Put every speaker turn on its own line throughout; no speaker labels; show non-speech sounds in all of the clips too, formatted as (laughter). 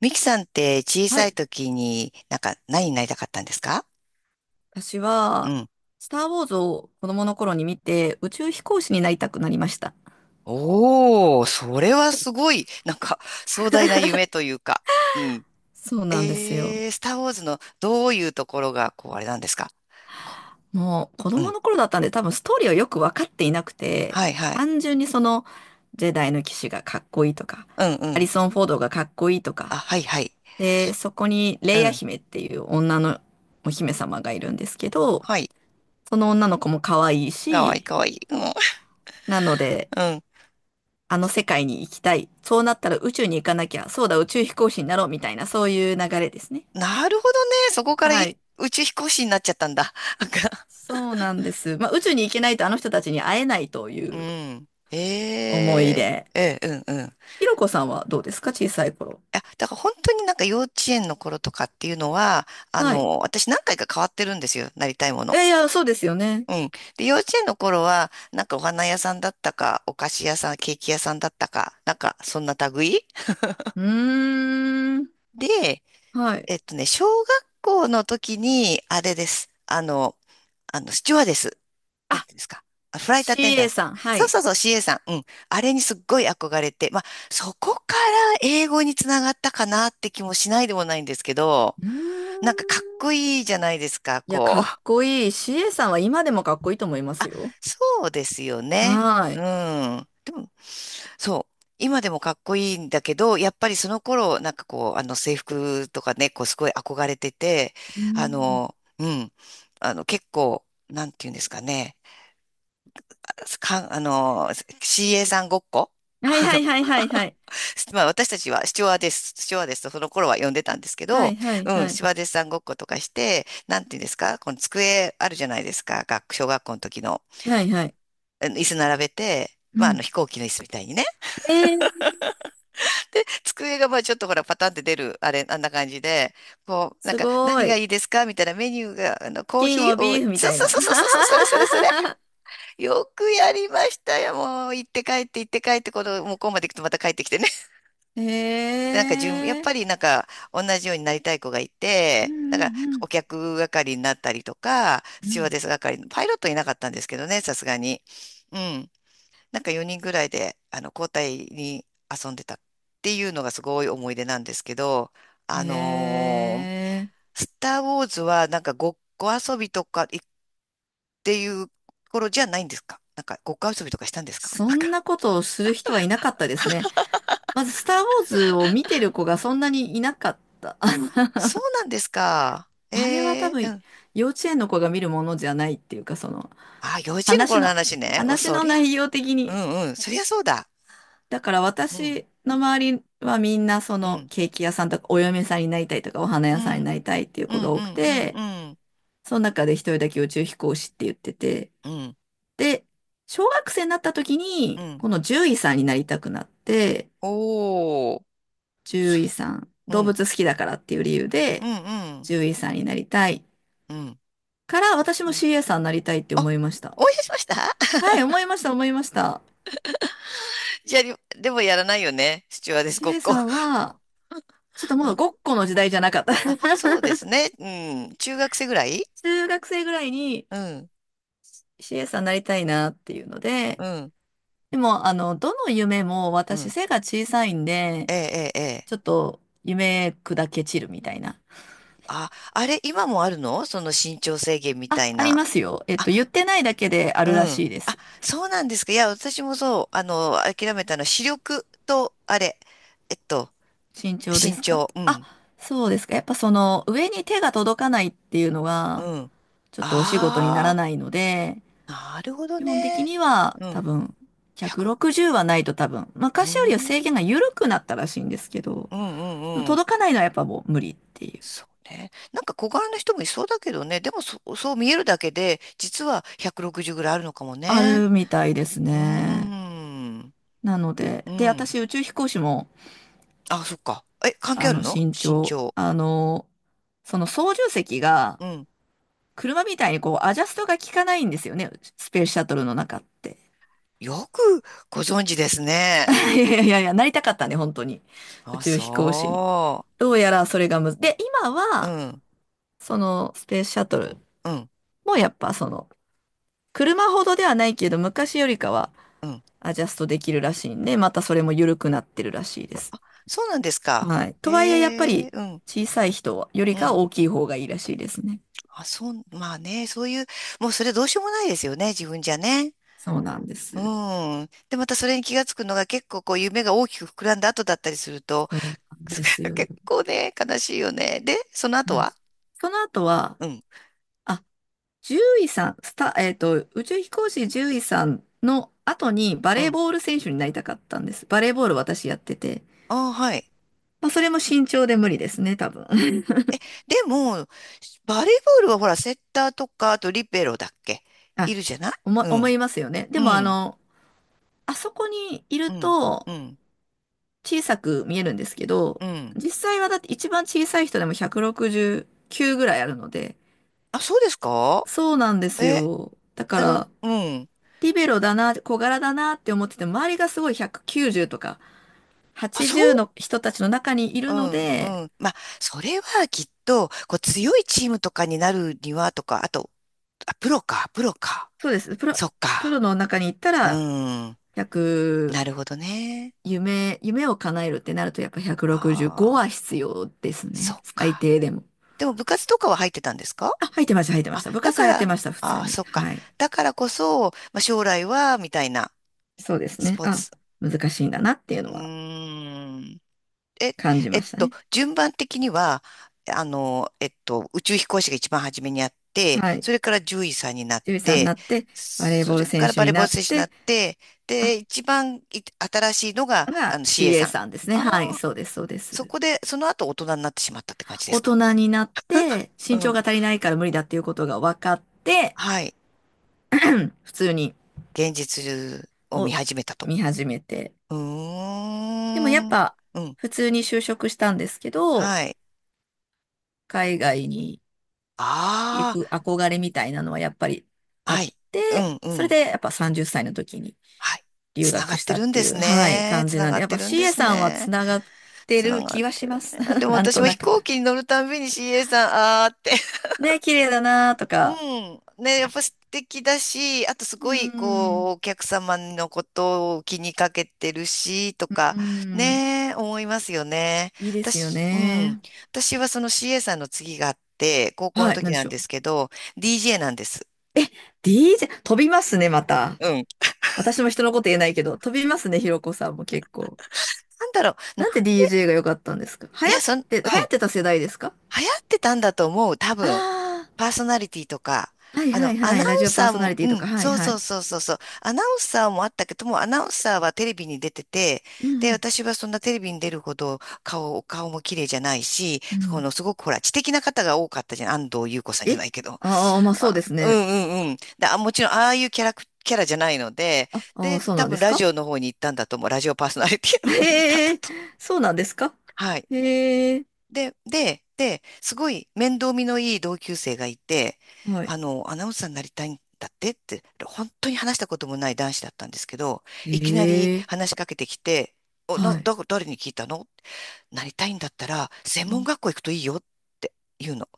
ミキさんって小
は
さい
い。
時になんか何になりたかったんですか？
私
う
は、
ん。
スター・ウォーズを子供の頃に見て、宇宙飛行士になりたくなりました。
おお、それはすごい、なんか壮大な夢というか。うん。
そうなんですよ。
スター・ウォーズのどういうところが、こう、あれなんですか？こ
もう、子
う
供
ん。
の頃だったんで、多分ストーリーをよく分かっていなくて、
はいはい。
単純にジェダイの騎士がかっこいいとか、
うんう
ハリ
ん。
ソン・フォードがかっこいいと
あ、
か、
はいはい。
で、そこに
う
レイヤ
ん。
姫っていう女のお姫様がいるんですけど、
はい。
その女の子も可愛い
かわいい
し、
かわいい。うん。
なので、
うん。
あの世界に行きたい。そうなったら宇宙に行かなきゃ。そうだ、宇宙飛行士になろうみたいな、そういう流れですね。
なるほどね。そこから
はい。
宇宙飛行士になっちゃったんだ。なんか
そうなんです。まあ、宇宙に行けないとあの人たちに会えないとい
う
う
ん。
思いで。
うんうん。
ひろこさんはどうですか？小さい頃。
いや、だから本当になんか幼稚園の頃とかっていうのは、
はい。
私何回か変わってるんですよ、なりたいも
い
の。
やいや、そうですよね。
うん。で、幼稚園の頃は、なんかお花屋さんだったか、お菓子屋さん、ケーキ屋さんだったか、なんかそんな類
うーん。
で、
はい。
小学校の時に、あれです。スチュワーデス。なん
あ、
ていうんですか？あフライトアテンダン
CA
スの。
さん。は
そう
い。
そうそう、CA さん。うん。あれにすっごい憧れて、まあ、そこから英語につながったかなって気もしないでもないんですけど、
う
なん
ー
かかっこ
ん。
いいじゃないですか、
いや、
こ
かっ
う。
こいい。CA さんは今でもかっこいいと思いま
(laughs)
す
あ、
よ。
そうですよね。
はー
う
い。
ん。そう。今でもかっこいいんだけど、やっぱりその頃、なんかこう、あの制服とかね、こうすごい憧れてて、
うん。
うん。結構、なんていうんですかね。か、あの、CA さんごっこ。 (laughs)
はい
あ
は
の、
いはいはいはい。
(laughs) まあ私たちはスチュワーデスとその頃は呼んでたんですけ
は
ど、
いはい
うん、
は
ス
い。
チュワーデスさんごっことかして、なんていうんですか、この机あるじゃないですか、小学校の時の、
はいはい。
あの椅子並べて、
う
まああの
ん。
飛行機の椅子みたいにね。
えー、
(laughs) で、机がまあちょっとほらパタンって出る、あれ、あんな感じで、こう、なん
す
か
ご
何が
い。
いいですかみたいなメニューが、
チ
コー
キン
ヒー
を
を、そう
ビーフみ
そう
たいな。
そうそうそう、それそれそれ。
(laughs)
よくやりましたよ、もう。行って帰って行って帰って、この向こうまで行くとまた帰ってきてね。
へ
なんか順、やっ
え。
ぱりなんか同じようになりたい子がい
うん
て、だから
う
お
ん
客係になったりとか、
う
ス
んう
チュワー
ん。
デス係、パイロットいなかったんですけどね、さすがに。うん。なんか4人ぐらいで、交代に遊んでたっていうのがすごい思い出なんですけど、あ
へ
のー
え。
スター・ウォーズはなんかごっこ遊びとかていう頃じゃないんですか？なんかごっこ遊びとかしたんですか？
そ
なん
ん
か、
なことをする人はいなかったですね。まず、スター・ウォーズを見てる子がそんなにいなかった。(laughs) あ、
あ、そうなんですか？
あれは多
え
分、
え、
幼稚園の子が見るものじゃないっていうか、
あ、幼稚園の
話
頃の
の、
話ね。お、
話
そ
の
りゃ、
内容的
う
に、
んうん、そりゃそうだ。
だから
うん、
私の周りはみんなそ
う
の
ん、
ケーキ屋さんとかお嫁さんになりたいとかお花
う
屋さん
ん、う
に
ん、
なりたいっていう
う
子が多く
ん、う
て、
ん、うん、
その中で一人だけ宇宙飛行士って言ってて、
うん、
で、小学生になった時
う
に
ん。
この獣医さんになりたくなって、
おー、
獣
そ
医さん、
う
動
ん、
物好きだからっていう理由
うん、
で
うん、
獣医さんになりたい
うん、
から私
う
も
ん。
CA さんになりたいって
あ、
思いました。
思い出しました。
はい、思いました、思いました。
(laughs) じゃあ、でもやらないよね。スチュワーデスごっ
CA
こ。
さんは、ちょっと
(laughs) う
もう
ん、
ごっこの時代じゃなかった。
あ、そう
(laughs)
ですね。うん、中学生ぐらい。
中学生ぐらいに、
うん、
CA さんになりたいなっていうので、
うん、
でも、どの夢も
う
私
ん。
背が小さいんで、
ええ、ええ、ええ。
ちょっと夢砕け散るみたいな。
あ、あれ、今もあるの、その身長制限みた
あ、
い
あり
な。あ、
ますよ。えっと、言ってないだけであ
う
るら
ん。
しいで
あ、
す。
そうなんですか？いや、私もそう、諦めたの視力と、あれ、えっと、
身長で
身
すか
長。う
あ、
ん。
そうですか。やっぱその上に手が届かないっていうのが、
うん。
ちょっとお仕事になら
あ
ないので、
あ、なるほど
基本的
ね。
には
う
多
ん。
分、
100、
160はないと多分、
うー
昔よりは制
ん。う
限
ん
が緩くなったらしいんですけど、
う
でも
んうん。
届かないのはやっぱもう無理っていう。
そうね。なんか小柄な人もいそうだけどね。でもそう見えるだけで、実は160ぐらいあるのかも
あ
ね。
るみたいです
うー
ね。
ん。
なの
う
で、で、
ん。
私宇宙飛行士も、
あ、そっか。え、関係
あ
ある
の、
の、
身
身
長、
長？
あの、その操縦席が、
うん。
車みたいにこう、アジャストが効かないんですよね、スペースシャトルの中って。
よくご存知ですね。
(laughs) いやいやいや、なりたかったね、本当に。宇
あ、
宙飛行士に。
そ
どうやらそれがむず、で、今
う。う
は、
ん、
そのスペースシャトル
うん、
もやっぱその、車ほどではないけど、昔よりかは
うん。
アジャストできるらしいんで、またそれも緩くなってるらしいです。
そうなんですか？
はい。とはいえ、やっぱ
ええ、
り
うん、
小さい人はより
う
か
ん。
大きい方がいいらしいですね。
あ、そう、まあね、そういう、もうそれどうしようもないですよね、自分じゃね。
そうなんで
う
す。
ん。で、またそれに気がつくのが結構こう夢が大きく膨らんだ後だったりすると、
そうなんです
(laughs)
よ。
結構ね、悲しいよね。で、その
う
後
ん。
は、
その後は、
うん、
あ、獣医さん、スタ、宇宙飛行士獣医さんの後にバ
う
レー
ん。
ボール選手になりたかったんです。バレーボール私やってて。
ああ、はい。
まあ、それも身長で無理ですね、多分。(laughs)
でも、バレーボールはほら、セッターとか、あとリベロだっけ、
あ、
いるじゃない？
思、
う
思
ん、
いますよね。で
う
も、
ん、
あそこにいる
うん、
と、
うん、
小さく見えるんですけど、
うん。
実際はだって一番小さい人でも169ぐらいあるので、
あ、そうですか？
そうなんです
え、
よ。だから、
うん。
リベロだな、小柄だなって思ってても、周りがすごい190とか
あ、そう、
80の人たちの中にい
う
るの
ん、う
で、
ん。まあ、それはきっと、こう、強いチームとかになるにはとか、あと、あ、プロか、プロか。
そうです。プロ、
そっ
プロ
か。
の中に行った
う
ら、
ん。
1
なるほどね。
夢、夢を叶えるってなると、やっぱ165は
ああ、
必要です
そ
ね。
っ
最
か。
低でも。
でも部活とかは入ってたんですか？
あ、入ってました、入ってまし
あ、
た。部
だ
活
か
はやっ
ら、
てました、普
あ
通
あ、
に。
そっか。
はい。
だからこそ、まあ、将来は、みたいな、
そうです
ス
ね。
ポー
あ、
ツ。
難しいんだなっていう
う
のは
ーん。え、
感じましたね。
順番的には、宇宙飛行士が一番初めにあって、
はい。
それから獣医さんになっ
獣医さんにな
て、
って、バレーボ
そ
ール
れ
選
から
手
バ
に
レーボ
な
ール
っ
選手にな
て、
って、で、
あ、
一番新しいのが、
が
CA
CA
さん。
さんですね。はい、
ああ、
そうです、そうで
そ
す。
こで、その後大人になってしまったって感じで
大
すか？
人になって、
う
身長
ん。
が足りないから無理だっていうことが分かって、
はい。
普通に、
現実を見
を
始めたと。
見始めて。
う
でもやっ
ーん。
ぱ、
うん。
普通に就職したんですけど、
はい。
海外に行
あ
く憧れみたいなのはやっぱり
あ、
あ
は
っ
い。う
て、
ん、う
それ
ん。
でやっぱ30歳の時に
はい。
留
つなが
学
っ
し
て
たっ
るん
て
で
い
す
う、はい、
ね。
感
つ
じ
な
なん
が
で、
っ
やっ
て
ぱ
るんで
CA
す
さんは
ね。
つながって
つな
る
がっ
気は
て
し
る
ます。
ね。で
(laughs)
も
なん
私
と
も
な
飛
く。
行機に乗るたんびに CA さん、あーって。
ね、綺麗だなと
(laughs) う
か。
ん。ね、やっぱ素敵だし、あとす
うー
ごい、こ
ん。
う、お客様のことを気にかけてるし、と
うー
か、
ん、
ね、思いますよね。
いいですよ
私、うん。
ね。
私はその CA さんの次があって、高校の
はい、
時
何で
な
し
ん
ょ
ですけど、DJ なんです。
う。え、DJ、飛びますね、また。
うん。
私も人のこと言えないけど、飛びますね、ひろこさんも結構。
なんだろう。
なんで DJ が良かったんですか？流
いや、
行っ
うん。
て、流行ってた世代ですか？
流行ってたんだと思う、多分。
あ
パーソナリティとか。
あー、はいはい
ア
は
ナウン
い、ラジオパー
サー
ソナ
も、
リティ
う
と
ん、
か、はい
そう
は
そう
い。
そうそうそう。アナウンサーもあったけども、アナウンサーはテレビに出てて、
う
で、
ん
私はそんなテレビに出るほどお顔も綺麗じゃないし、
うん、う
この
ん。
すごくほら、知的な方が多かったじゃん。安藤優子さんじゃ
え、
ないけど。
ああー、まあそうで
あ、
す
う
ね。
んうんうん。で、あ、もちろん、ああいうキャラじゃないので、
あ、あー、
で、
そう
多
なんで
分
す
ラジ
か？
オの方に行ったんだと思う。ラジオパーソナリティ
(laughs)
の方に行ったんだ
へえ、
と。
そうなんですか？
はい。
へえ、
で、すごい面倒見のいい同級生がいて、
はい。
アナウンサーになりたいんだってって、本当に話したこともない男子だったんですけど、
へ
いきなり
え、
話しかけてきて、お、な、
はい。
だ、誰に聞いたの？なりたいんだったら、専
う
門
ん。
学校行くといいよって言うの。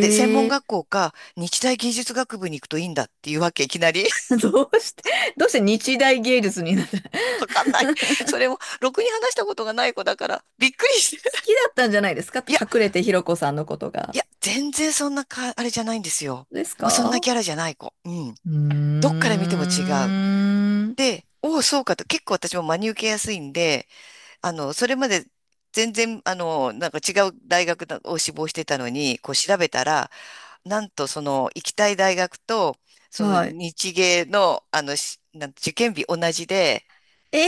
で、専門
え、
学校か、日大技術学部に行くといいんだっていうわけ、いきなり。
(laughs) どうして、(laughs) どうして日大芸術になった？ (laughs) 好
(laughs) わかんない。それも、ろくに話したことがない子だから、びっくりして。
きだったんじゃないですか？
(laughs) いや
隠れてひろこさんのこと
い
が。
や、全然そんなか、あれじゃないんですよ。
です
もうそんな
か？
キャラじゃない子。うん。
うー
どっから見ても違う。
ん。
で、おお、そうかと、結構私も真に受けやすいんで、それまで全然、なんか違う大学だを志望してたのに、こう調べたら、なんとその行きたい大学と、その
はい。
日芸の、しなん受験日同じで、
え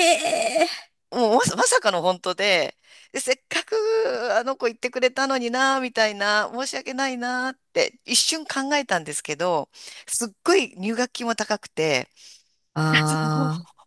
え、
もう(laughs) まさかの本当で、で、せっかくあの子言ってくれたのにな、みたいな、申し訳ないなって一瞬考えたんですけど、すっごい入学金も高くて、(laughs) そう、
ああ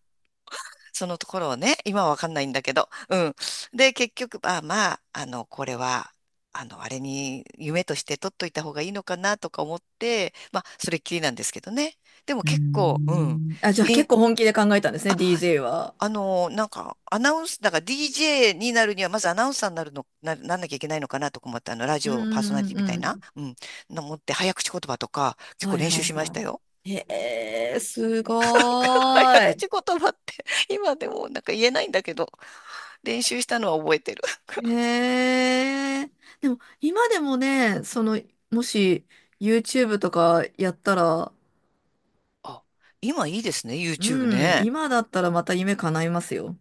そのところをね、今はわかんないんだけど、うん。で、結局、あ、まあ、これは、あれに夢として取っといた方がいいのかなとか思って、まあ、それっきりなんですけどね。でも
ー、うー
結構、うん。
ん。あ、じゃあ結
り
構本気で考えたんですね、DJ は。
なんか、アナウンス、だから DJ になるには、まずアナウンサーになるの、なんなきゃいけないのかなとか思って、ラジ
う
オパーソナ
ん
リ
う
ティ
ん
みたい
う
な、
ん。
うん、の持って、早口言葉とか、結
は
構
い
練
は
習
い
しました
は
よ。
い。へえ、すご
なんか早
ー
口言葉って、(laughs) 今でもなんか言えないんだけど、練習したのは覚えてる。
い。
(laughs)
へえ。でも、今でもね、その、もし、YouTube とかやったら、
あ、今いいですね、YouTube
うん、
ね。
今だったらまた夢叶いますよ。